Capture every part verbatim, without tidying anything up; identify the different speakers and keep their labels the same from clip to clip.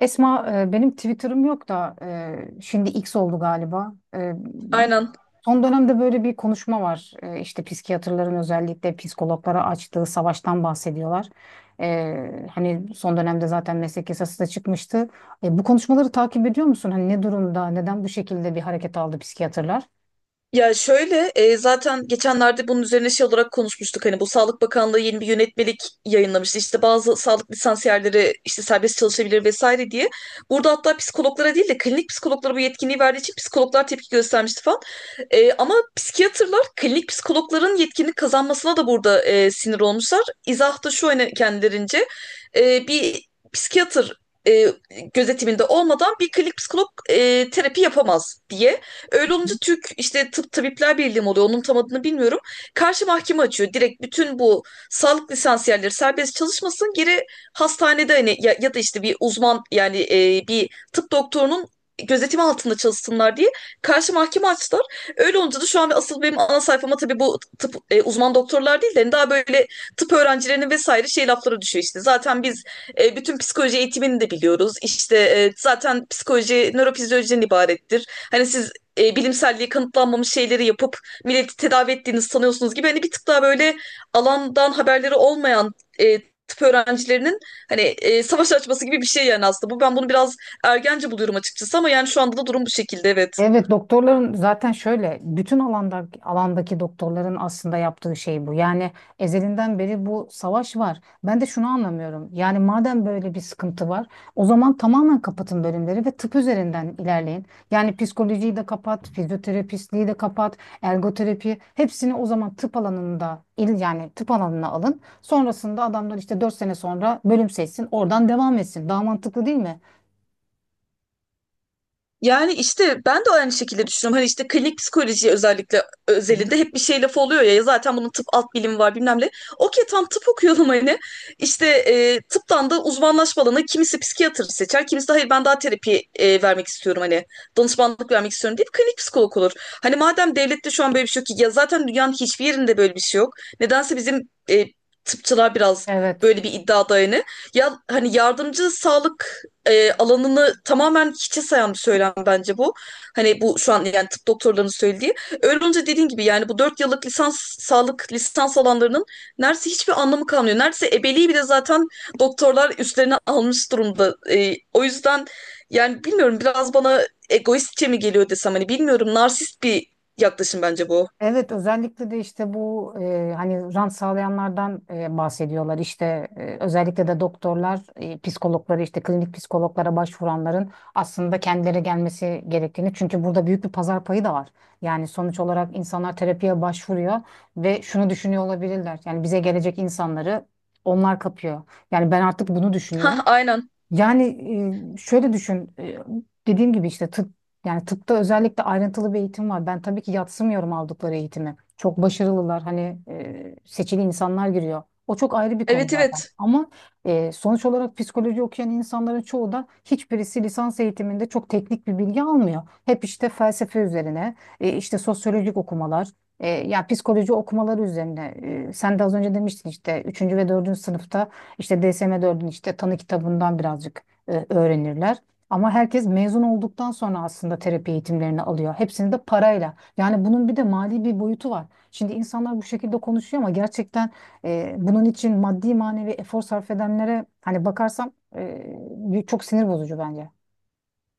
Speaker 1: Esma e, benim Twitter'ım yok da e, şimdi X oldu galiba. E,
Speaker 2: Aynen.
Speaker 1: son dönemde böyle bir konuşma var. E, işte psikiyatrların özellikle psikologlara açtığı savaştan bahsediyorlar. E, hani son dönemde zaten meslek yasası da çıkmıştı. E, bu konuşmaları takip ediyor musun? Hani ne durumda, neden bu şekilde bir hareket aldı psikiyatrlar?
Speaker 2: Ya şöyle e, zaten geçenlerde bunun üzerine şey olarak konuşmuştuk. Hani bu Sağlık Bakanlığı yeni bir yönetmelik yayınlamıştı. İşte bazı sağlık lisansiyerleri işte serbest çalışabilir vesaire diye. Burada hatta psikologlara değil de klinik psikologlara bu yetkinliği verdiği için psikologlar tepki göstermişti falan. E, ama psikiyatrlar klinik psikologların yetkinlik kazanmasına da burada e, sinir olmuşlar. İzah da şu hani kendilerince e, bir psikiyatr e, gözetiminde olmadan bir klinik psikolog e, terapi yapamaz diye. Öyle olunca Türk işte Tıp Tabipler Birliği mi oluyor onun tam adını bilmiyorum. Karşı mahkeme açıyor. Direkt bütün bu sağlık lisansiyerleri serbest çalışmasın. Geri hastanede hani ya, ya da işte bir uzman yani e, bir tıp doktorunun gözetimi altında çalışsınlar diye karşı mahkeme açtılar. Öyle olunca da şu an asıl benim ana sayfama tabii bu tıp e, uzman doktorlar değil de hani daha böyle tıp öğrencilerinin vesaire şey lafları düşüyor işte. Zaten biz e, bütün psikoloji eğitimini de biliyoruz. İşte e, zaten psikoloji nörofizyolojiden ibarettir. Hani siz e, bilimselliği kanıtlanmamış şeyleri yapıp milleti tedavi ettiğiniz sanıyorsunuz gibi hani bir tık daha böyle alandan haberleri olmayan e, tıp öğrencilerinin hani e, savaş açması gibi bir şey yani aslında bu ben bunu biraz ergence buluyorum açıkçası ama yani şu anda da durum bu şekilde evet.
Speaker 1: Evet, doktorların zaten şöyle bütün alanda alandaki doktorların aslında yaptığı şey bu. Yani ezelinden beri bu savaş var. Ben de şunu anlamıyorum. Yani madem böyle bir sıkıntı var, o zaman tamamen kapatın bölümleri ve tıp üzerinden ilerleyin. Yani psikolojiyi de kapat, fizyoterapistliği de kapat, ergoterapi hepsini o zaman tıp alanında il yani tıp alanına alın. Sonrasında adamlar işte dört sene sonra bölüm seçsin, oradan devam etsin. Daha mantıklı değil mi?
Speaker 2: Yani işte ben de aynı şekilde düşünüyorum. Hani işte klinik psikoloji özellikle
Speaker 1: Hı hı.
Speaker 2: özelinde hep bir şey lafı oluyor ya. Ya zaten bunun tıp alt bilimi var bilmem ne. Okey tam tıp okuyorum hani. İşte e, tıptan da uzmanlaşma alanı kimisi psikiyatr seçer. Kimisi de hayır ben daha terapi e, vermek istiyorum hani. Danışmanlık vermek istiyorum deyip klinik psikolog olur. Hani madem devlette şu an böyle bir şey yok ki. Ya zaten dünyanın hiçbir yerinde böyle bir şey yok. Nedense bizim e, tıpçılar biraz
Speaker 1: Evet.
Speaker 2: böyle bir iddiada yani. Ya hani yardımcı sağlık e, alanını tamamen hiçe sayan bir söylem bence bu. Hani bu şu an yani tıp doktorlarının söylediği. Öyle olunca dediğin gibi yani bu dört yıllık lisans sağlık lisans alanlarının neredeyse hiçbir anlamı kalmıyor. Neredeyse ebeliği bile zaten doktorlar üstlerine almış durumda. E, o yüzden yani bilmiyorum biraz bana egoistçe mi geliyor desem hani bilmiyorum narsist bir yaklaşım bence bu.
Speaker 1: Evet, özellikle de işte bu e, hani rant sağlayanlardan e, bahsediyorlar. İşte e, özellikle de doktorlar e, psikologları işte klinik psikologlara başvuranların aslında kendileri gelmesi gerektiğini çünkü burada büyük bir pazar payı da var. Yani sonuç olarak insanlar terapiye başvuruyor ve şunu düşünüyor olabilirler, yani bize gelecek insanları onlar kapıyor. Yani ben artık bunu düşünüyorum.
Speaker 2: Ha aynen.
Speaker 1: Yani e, şöyle düşün, e, dediğim gibi işte tıp yani tıpta özellikle ayrıntılı bir eğitim var. Ben tabii ki yatsımıyorum aldıkları eğitimi. Çok başarılılar, hani e, seçili insanlar giriyor. O çok ayrı bir konu
Speaker 2: Evet
Speaker 1: zaten.
Speaker 2: evet.
Speaker 1: Ama e, sonuç olarak psikoloji okuyan insanların çoğu da hiçbirisi lisans eğitiminde çok teknik bir bilgi almıyor. Hep işte felsefe üzerine, e, işte sosyolojik okumalar, e, ya psikoloji okumaları üzerine. E, sen de az önce demiştin işte üçüncü ve dördüncü sınıfta. İşte D S M dörtün işte tanı kitabından birazcık e, öğrenirler. Ama herkes mezun olduktan sonra aslında terapi eğitimlerini alıyor. Hepsini de parayla. Yani bunun bir de mali bir boyutu var. Şimdi insanlar bu şekilde konuşuyor ama gerçekten e, bunun için maddi manevi efor sarf edenlere hani bakarsam e, çok sinir bozucu bence.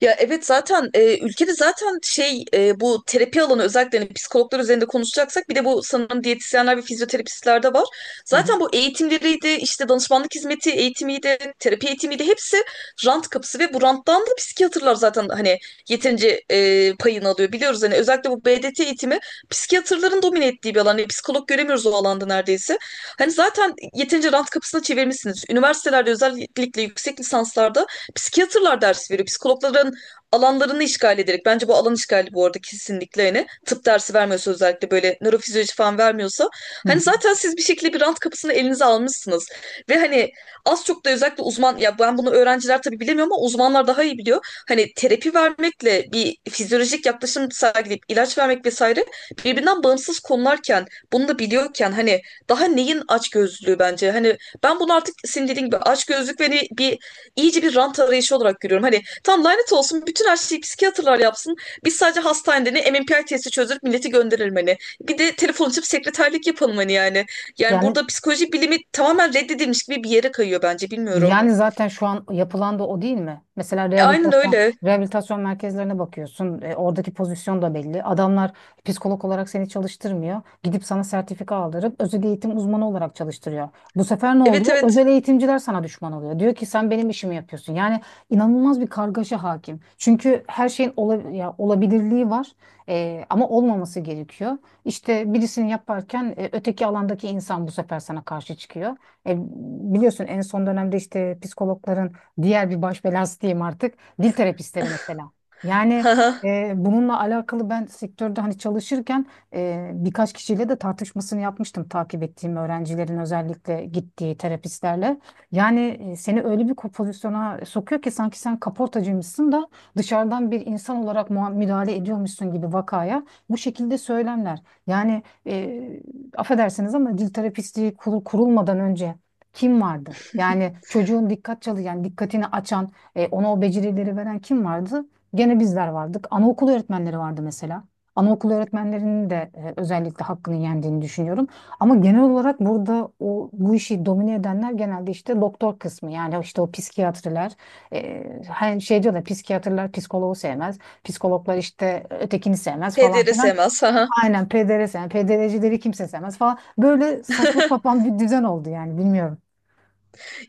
Speaker 2: Ya evet zaten e, ülkede zaten şey e, bu terapi alanı özellikle hani psikologlar üzerinde konuşacaksak bir de bu sanırım diyetisyenler ve fizyoterapistlerde var.
Speaker 1: Hı hı.
Speaker 2: Zaten bu eğitimleriydi işte danışmanlık hizmeti eğitimiydi terapi eğitimiydi hepsi rant kapısı ve bu ranttan da psikiyatrlar zaten hani yeterince e, payını alıyor. Biliyoruz hani özellikle bu B D T eğitimi psikiyatrların domine ettiği bir alan. Hani psikolog göremiyoruz o alanda neredeyse. Hani zaten yeterince rant kapısına çevirmişsiniz. Üniversitelerde özellikle yüksek lisanslarda psikiyatrlar ders veriyor. Psikologlara alanlarını işgal ederek bence bu alan işgali bu arada kesinlikle hani tıp dersi vermiyorsa özellikle böyle nörofizyoloji falan vermiyorsa
Speaker 1: Hı hı.
Speaker 2: hani zaten siz bir şekilde bir rant kapısını elinize almışsınız ve hani az çok da özellikle uzman ya ben bunu öğrenciler tabii bilemiyor ama uzmanlar daha iyi biliyor. Hani terapi vermekle bir fizyolojik yaklaşım sergileyip ilaç vermek vesaire birbirinden bağımsız konularken bunu da biliyorken hani daha neyin açgözlülüğü bence hani ben bunu artık senin dediğin gibi açgözlük ve hani bir iyice bir rant arayışı olarak görüyorum. Hani tam lanet olsun bütün her şeyi psikiyatrlar yapsın. Biz sadece hastanede ne M M P I testi çözdürüp milleti gönderelim hani. Bir de telefon açıp sekreterlik yapalım hani yani. Yani
Speaker 1: Yani
Speaker 2: burada psikoloji bilimi tamamen reddedilmiş gibi bir yere kayıyor bence bilmiyorum.
Speaker 1: Yani zaten şu an yapılan da o değil mi? Mesela
Speaker 2: E, aynen
Speaker 1: rehabilitasyon
Speaker 2: öyle.
Speaker 1: rehabilitasyon merkezlerine bakıyorsun. E, oradaki pozisyon da belli. Adamlar psikolog olarak seni çalıştırmıyor. Gidip sana sertifika aldırıp özel eğitim uzmanı olarak çalıştırıyor. Bu sefer ne
Speaker 2: Evet
Speaker 1: oluyor?
Speaker 2: evet.
Speaker 1: Özel eğitimciler sana düşman oluyor. Diyor ki sen benim işimi yapıyorsun. Yani inanılmaz bir kargaşa hakim. Çünkü her şeyin ola, ya, olabilirliği var. E, ama olmaması gerekiyor. İşte birisini yaparken e, öteki alandaki insan bu sefer sana karşı çıkıyor. E, Biliyorsun, en son dönemde işte psikologların diğer bir baş belası diyeyim artık, dil terapistleri mesela. Yani
Speaker 2: Haha.
Speaker 1: e, bununla alakalı ben sektörde hani çalışırken e, birkaç kişiyle de tartışmasını yapmıştım takip ettiğim öğrencilerin özellikle gittiği terapistlerle. Yani e, seni öyle bir ko- pozisyona sokuyor ki sanki sen kaportacıymışsın da dışarıdan bir insan olarak mua- müdahale ediyormuşsun gibi vakaya, bu şekilde söylemler. Yani e, affedersiniz ama dil terapistliği kurul- kurulmadan önce kim vardı? Yani çocuğun dikkat çalı yani dikkatini açan, e, ona o becerileri veren kim vardı? Gene bizler vardık. Anaokul öğretmenleri vardı mesela. Anaokul öğretmenlerinin de e, özellikle hakkını yendiğini düşünüyorum. Ama genel olarak burada o bu işi domine edenler genelde işte doktor kısmı. Yani işte o psikiyatriler, e, hani şey diyor da psikiyatriler psikoloğu sevmez. Psikologlar işte ötekini sevmez falan
Speaker 2: P D R
Speaker 1: filan.
Speaker 2: sevmez. Haha.
Speaker 1: Aynen P D R sevmez. P D R'cileri kimse sevmez falan. Böyle saçma sapan bir düzen oldu, yani bilmiyorum.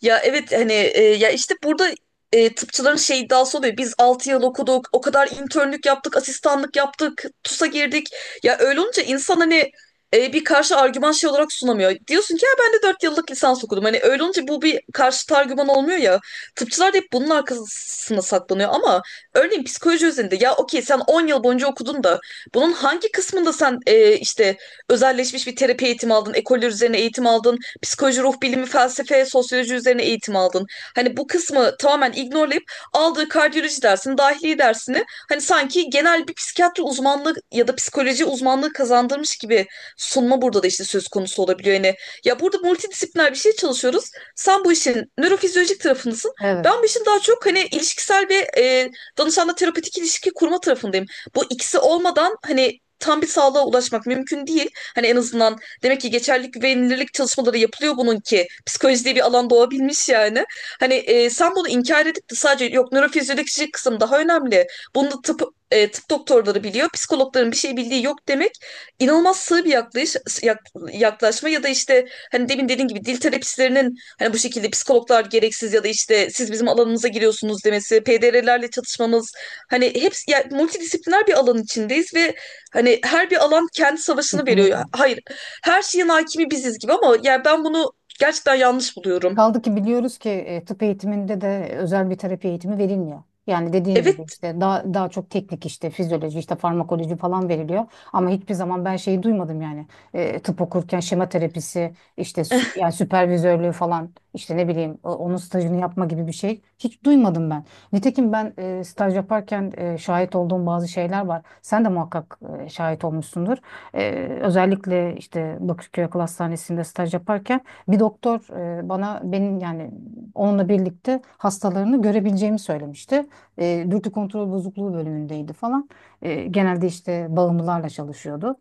Speaker 2: Ya evet hani e, ya işte burada e, tıpçıların şey iddiası oluyor. Biz altı yıl okuduk, o kadar internlük yaptık, asistanlık yaptık, TUS'a girdik. Ya öyle olunca insan hani e, bir karşı argüman şey olarak sunamıyor. Diyorsun ki ya ben de dört yıllık lisans okudum. Hani öyle olunca bu bir karşı argüman olmuyor ya. Tıpçılar da hep bunun arkasına saklanıyor ama örneğin psikoloji üzerinde ya okey sen on yıl boyunca okudun da bunun hangi kısmında sen e, işte özelleşmiş bir terapi eğitimi aldın, ekoller üzerine eğitim aldın, psikoloji, ruh bilimi, felsefe, sosyoloji üzerine eğitim aldın. Hani bu kısmı tamamen ignorlayıp aldığı kardiyoloji dersini, dahiliye dersini hani sanki genel bir psikiyatri uzmanlığı ya da psikoloji uzmanlığı kazandırmış gibi sunma burada da işte söz konusu olabiliyor. Yani ya burada multidisipliner bir şey çalışıyoruz. Sen bu işin nörofizyolojik tarafındasın.
Speaker 1: Evet,
Speaker 2: Ben bu işin daha çok hani ilişkisel ve e, danışanla terapetik ilişki kurma tarafındayım. Bu ikisi olmadan hani tam bir sağlığa ulaşmak mümkün değil. Hani en azından demek ki geçerlilik güvenilirlik çalışmaları yapılıyor bunun ki. Psikoloji diye bir alan doğabilmiş yani. Hani e, sen bunu inkar edip de sadece yok nörofizyolojik kısım daha önemli. Bunu da tıp, e, tıp doktorları biliyor. Psikologların bir şey bildiği yok demek inanılmaz sığ bir yaklayış, yak- yaklaşma ya da işte hani demin dediğin gibi dil terapistlerinin hani bu şekilde psikologlar gereksiz ya da işte siz bizim alanımıza giriyorsunuz demesi, P D R'lerle çatışmamız hani hepsi yani multidisipliner bir alan içindeyiz ve hani her bir alan kendi savaşını
Speaker 1: kesinlikle.
Speaker 2: veriyor. Hayır her şeyin hakimi biziz gibi ama yani ben bunu gerçekten yanlış buluyorum.
Speaker 1: Kaldı ki biliyoruz ki e, tıp eğitiminde de özel bir terapi eğitimi verilmiyor. Yani dediğin gibi
Speaker 2: Evet.
Speaker 1: işte daha daha çok teknik işte fizyoloji işte farmakoloji falan veriliyor. Ama hiçbir zaman ben şeyi duymadım, yani E, tıp okurken şema terapisi işte sü- yani süpervizörlüğü falan, işte ne bileyim o- onun stajını yapma gibi bir şey hiç duymadım ben. Nitekim ben e, staj yaparken e, şahit olduğum bazı şeyler var. Sen de muhakkak e, şahit olmuşsundur. E, Özellikle işte Bakırköy Akıl Hastanesi'nde staj yaparken bir doktor e, bana benim yani onunla birlikte hastalarını görebileceğimi söylemişti. E, dürtü kontrol bozukluğu bölümündeydi falan. E, genelde işte bağımlılarla çalışıyordu.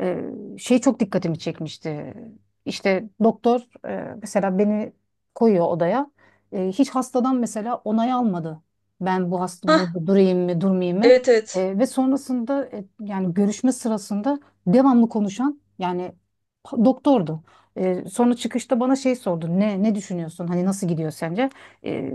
Speaker 1: E, Şey çok dikkatimi çekmişti. İşte doktor, e, mesela beni koyuyor odaya. E, hiç hastadan mesela onay almadı. Ben bu hasta
Speaker 2: Hah,
Speaker 1: burada durayım mı, durmayayım mı?
Speaker 2: evet evet.
Speaker 1: E, ve sonrasında e, yani görüşme sırasında devamlı konuşan yani pa- doktordu. Ee, sonra çıkışta bana şey sordu. Ne ne düşünüyorsun? Hani nasıl gidiyor sence? Ee,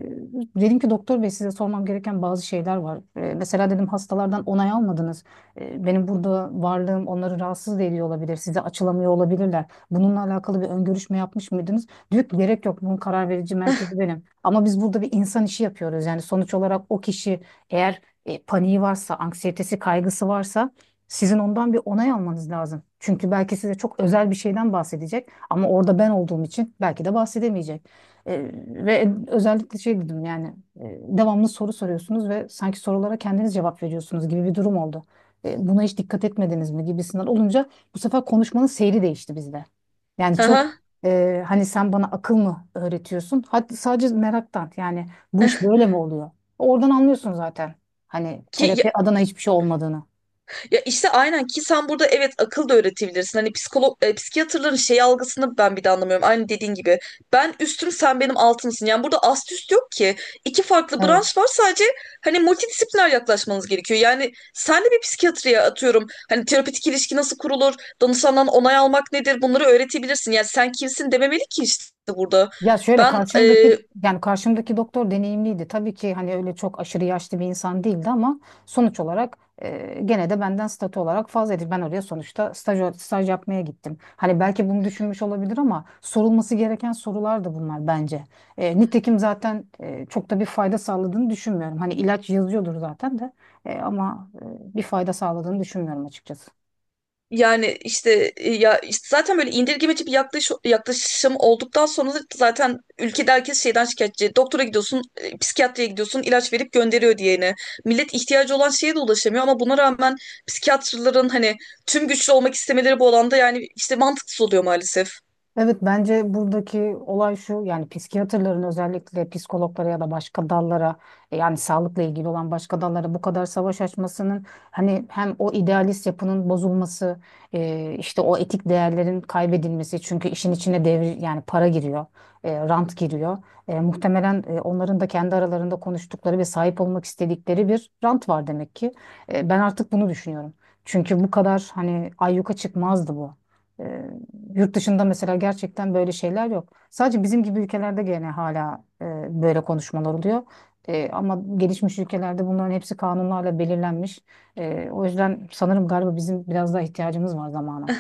Speaker 1: Dedim ki doktor bey, size sormam gereken bazı şeyler var. Ee, mesela dedim, hastalardan onay almadınız. Ee, benim burada varlığım onları rahatsız da ediyor olabilir. Size açılamıyor olabilirler. Bununla alakalı bir ön görüşme yapmış mıydınız? Diyor ki gerek yok. Bunun karar verici merkezi benim. Ama biz burada bir insan işi yapıyoruz. Yani sonuç olarak o kişi eğer e, paniği varsa, anksiyetesi, kaygısı varsa, sizin ondan bir onay almanız lazım. Çünkü belki size çok özel bir şeyden bahsedecek. Ama orada ben olduğum için belki de bahsedemeyecek. E, Ve özellikle şey dedim, yani e, devamlı soru soruyorsunuz ve sanki sorulara kendiniz cevap veriyorsunuz gibi bir durum oldu. E, buna hiç dikkat etmediniz mi gibisinden olunca, bu sefer konuşmanın seyri değişti bizde. Yani çok
Speaker 2: Aha.
Speaker 1: e, hani sen bana akıl mı öğretiyorsun? Hadi sadece meraktan, yani bu iş böyle mi oluyor? Oradan anlıyorsun zaten hani
Speaker 2: Ki
Speaker 1: terapi adına hiçbir şey olmadığını.
Speaker 2: ya işte aynen ki sen burada evet akıl da öğretebilirsin. Hani psikolog e, psikiyatrların şey algısını ben bir de anlamıyorum. Aynı dediğin gibi. Ben üstüm sen benim altımsın. Yani burada ast üst yok ki. İki farklı
Speaker 1: Evet.
Speaker 2: branş var sadece hani multidisipliner yaklaşmanız gerekiyor. Yani sen de bir psikiyatriye atıyorum. Hani terapötik ilişki nasıl kurulur? Danışandan onay almak nedir? Bunları öğretebilirsin. Yani sen kimsin dememeli ki işte burada.
Speaker 1: Ya şöyle,
Speaker 2: Ben e,
Speaker 1: karşımdaki yani karşımdaki doktor deneyimliydi. Tabii ki hani öyle çok aşırı yaşlı bir insan değildi ama sonuç olarak e, gene de benden statü olarak fazlaydı. Ben oraya sonuçta staj, staj yapmaya gittim. Hani belki bunu düşünmüş olabilir ama sorulması gereken sorular da bunlar bence. E, nitekim zaten e, çok da bir fayda sağladığını düşünmüyorum. Hani ilaç yazıyordur zaten de e, ama e, bir fayda sağladığını düşünmüyorum açıkçası.
Speaker 2: Yani işte e, ya işte zaten böyle indirgemeci bir yaklaş, yaklaşım olduktan sonra da zaten ülkede herkes şeyden şikayetçi. Doktora gidiyorsun, e, psikiyatriye gidiyorsun, ilaç verip gönderiyor diyene. Millet ihtiyacı olan şeye de ulaşamıyor ama buna rağmen psikiyatrların hani tüm güçlü olmak istemeleri bu alanda yani işte mantıksız oluyor maalesef.
Speaker 1: Evet, bence buradaki olay şu, yani psikiyatrların özellikle psikologlara ya da başka dallara, e, yani sağlıkla ilgili olan başka dallara bu kadar savaş açmasının hani hem o idealist yapının bozulması, e, işte o etik değerlerin kaybedilmesi, çünkü işin içine devir yani para giriyor, e, rant giriyor. E, muhtemelen e, onların da kendi aralarında konuştukları ve sahip olmak istedikleri bir rant var, demek ki. E, ben artık bunu düşünüyorum çünkü bu kadar hani ayyuka çıkmazdı bu. E, Yurt dışında mesela gerçekten böyle şeyler yok. Sadece bizim gibi ülkelerde gene hala e, böyle konuşmalar oluyor. E, ama gelişmiş ülkelerde bunların hepsi kanunlarla belirlenmiş. E, o yüzden sanırım galiba bizim biraz daha ihtiyacımız var zamana.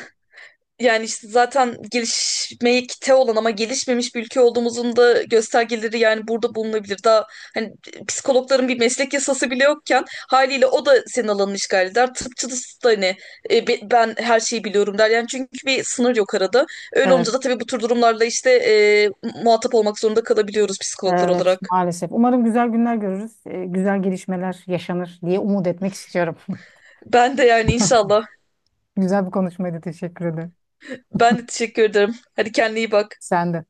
Speaker 2: Yani işte zaten gelişmekte olan ama gelişmemiş bir ülke olduğumuzun da göstergeleri yani burada bulunabilir. Daha hani psikologların bir meslek yasası bile yokken haliyle o da senin alanını işgal eder. Tıpçısı da hani e, be- ben her şeyi biliyorum der. Yani çünkü bir sınır yok arada. Öyle
Speaker 1: Evet,
Speaker 2: olunca da tabii bu tür durumlarla işte e, muhatap olmak zorunda kalabiliyoruz psikologlar
Speaker 1: evet,
Speaker 2: olarak.
Speaker 1: maalesef. Umarım güzel günler görürüz, e, güzel gelişmeler yaşanır diye umut etmek istiyorum.
Speaker 2: Ben de yani inşallah.
Speaker 1: Güzel bir konuşmaydı, teşekkür ederim.
Speaker 2: Ben de teşekkür ederim. Hadi kendine iyi bak.
Speaker 1: Sen de.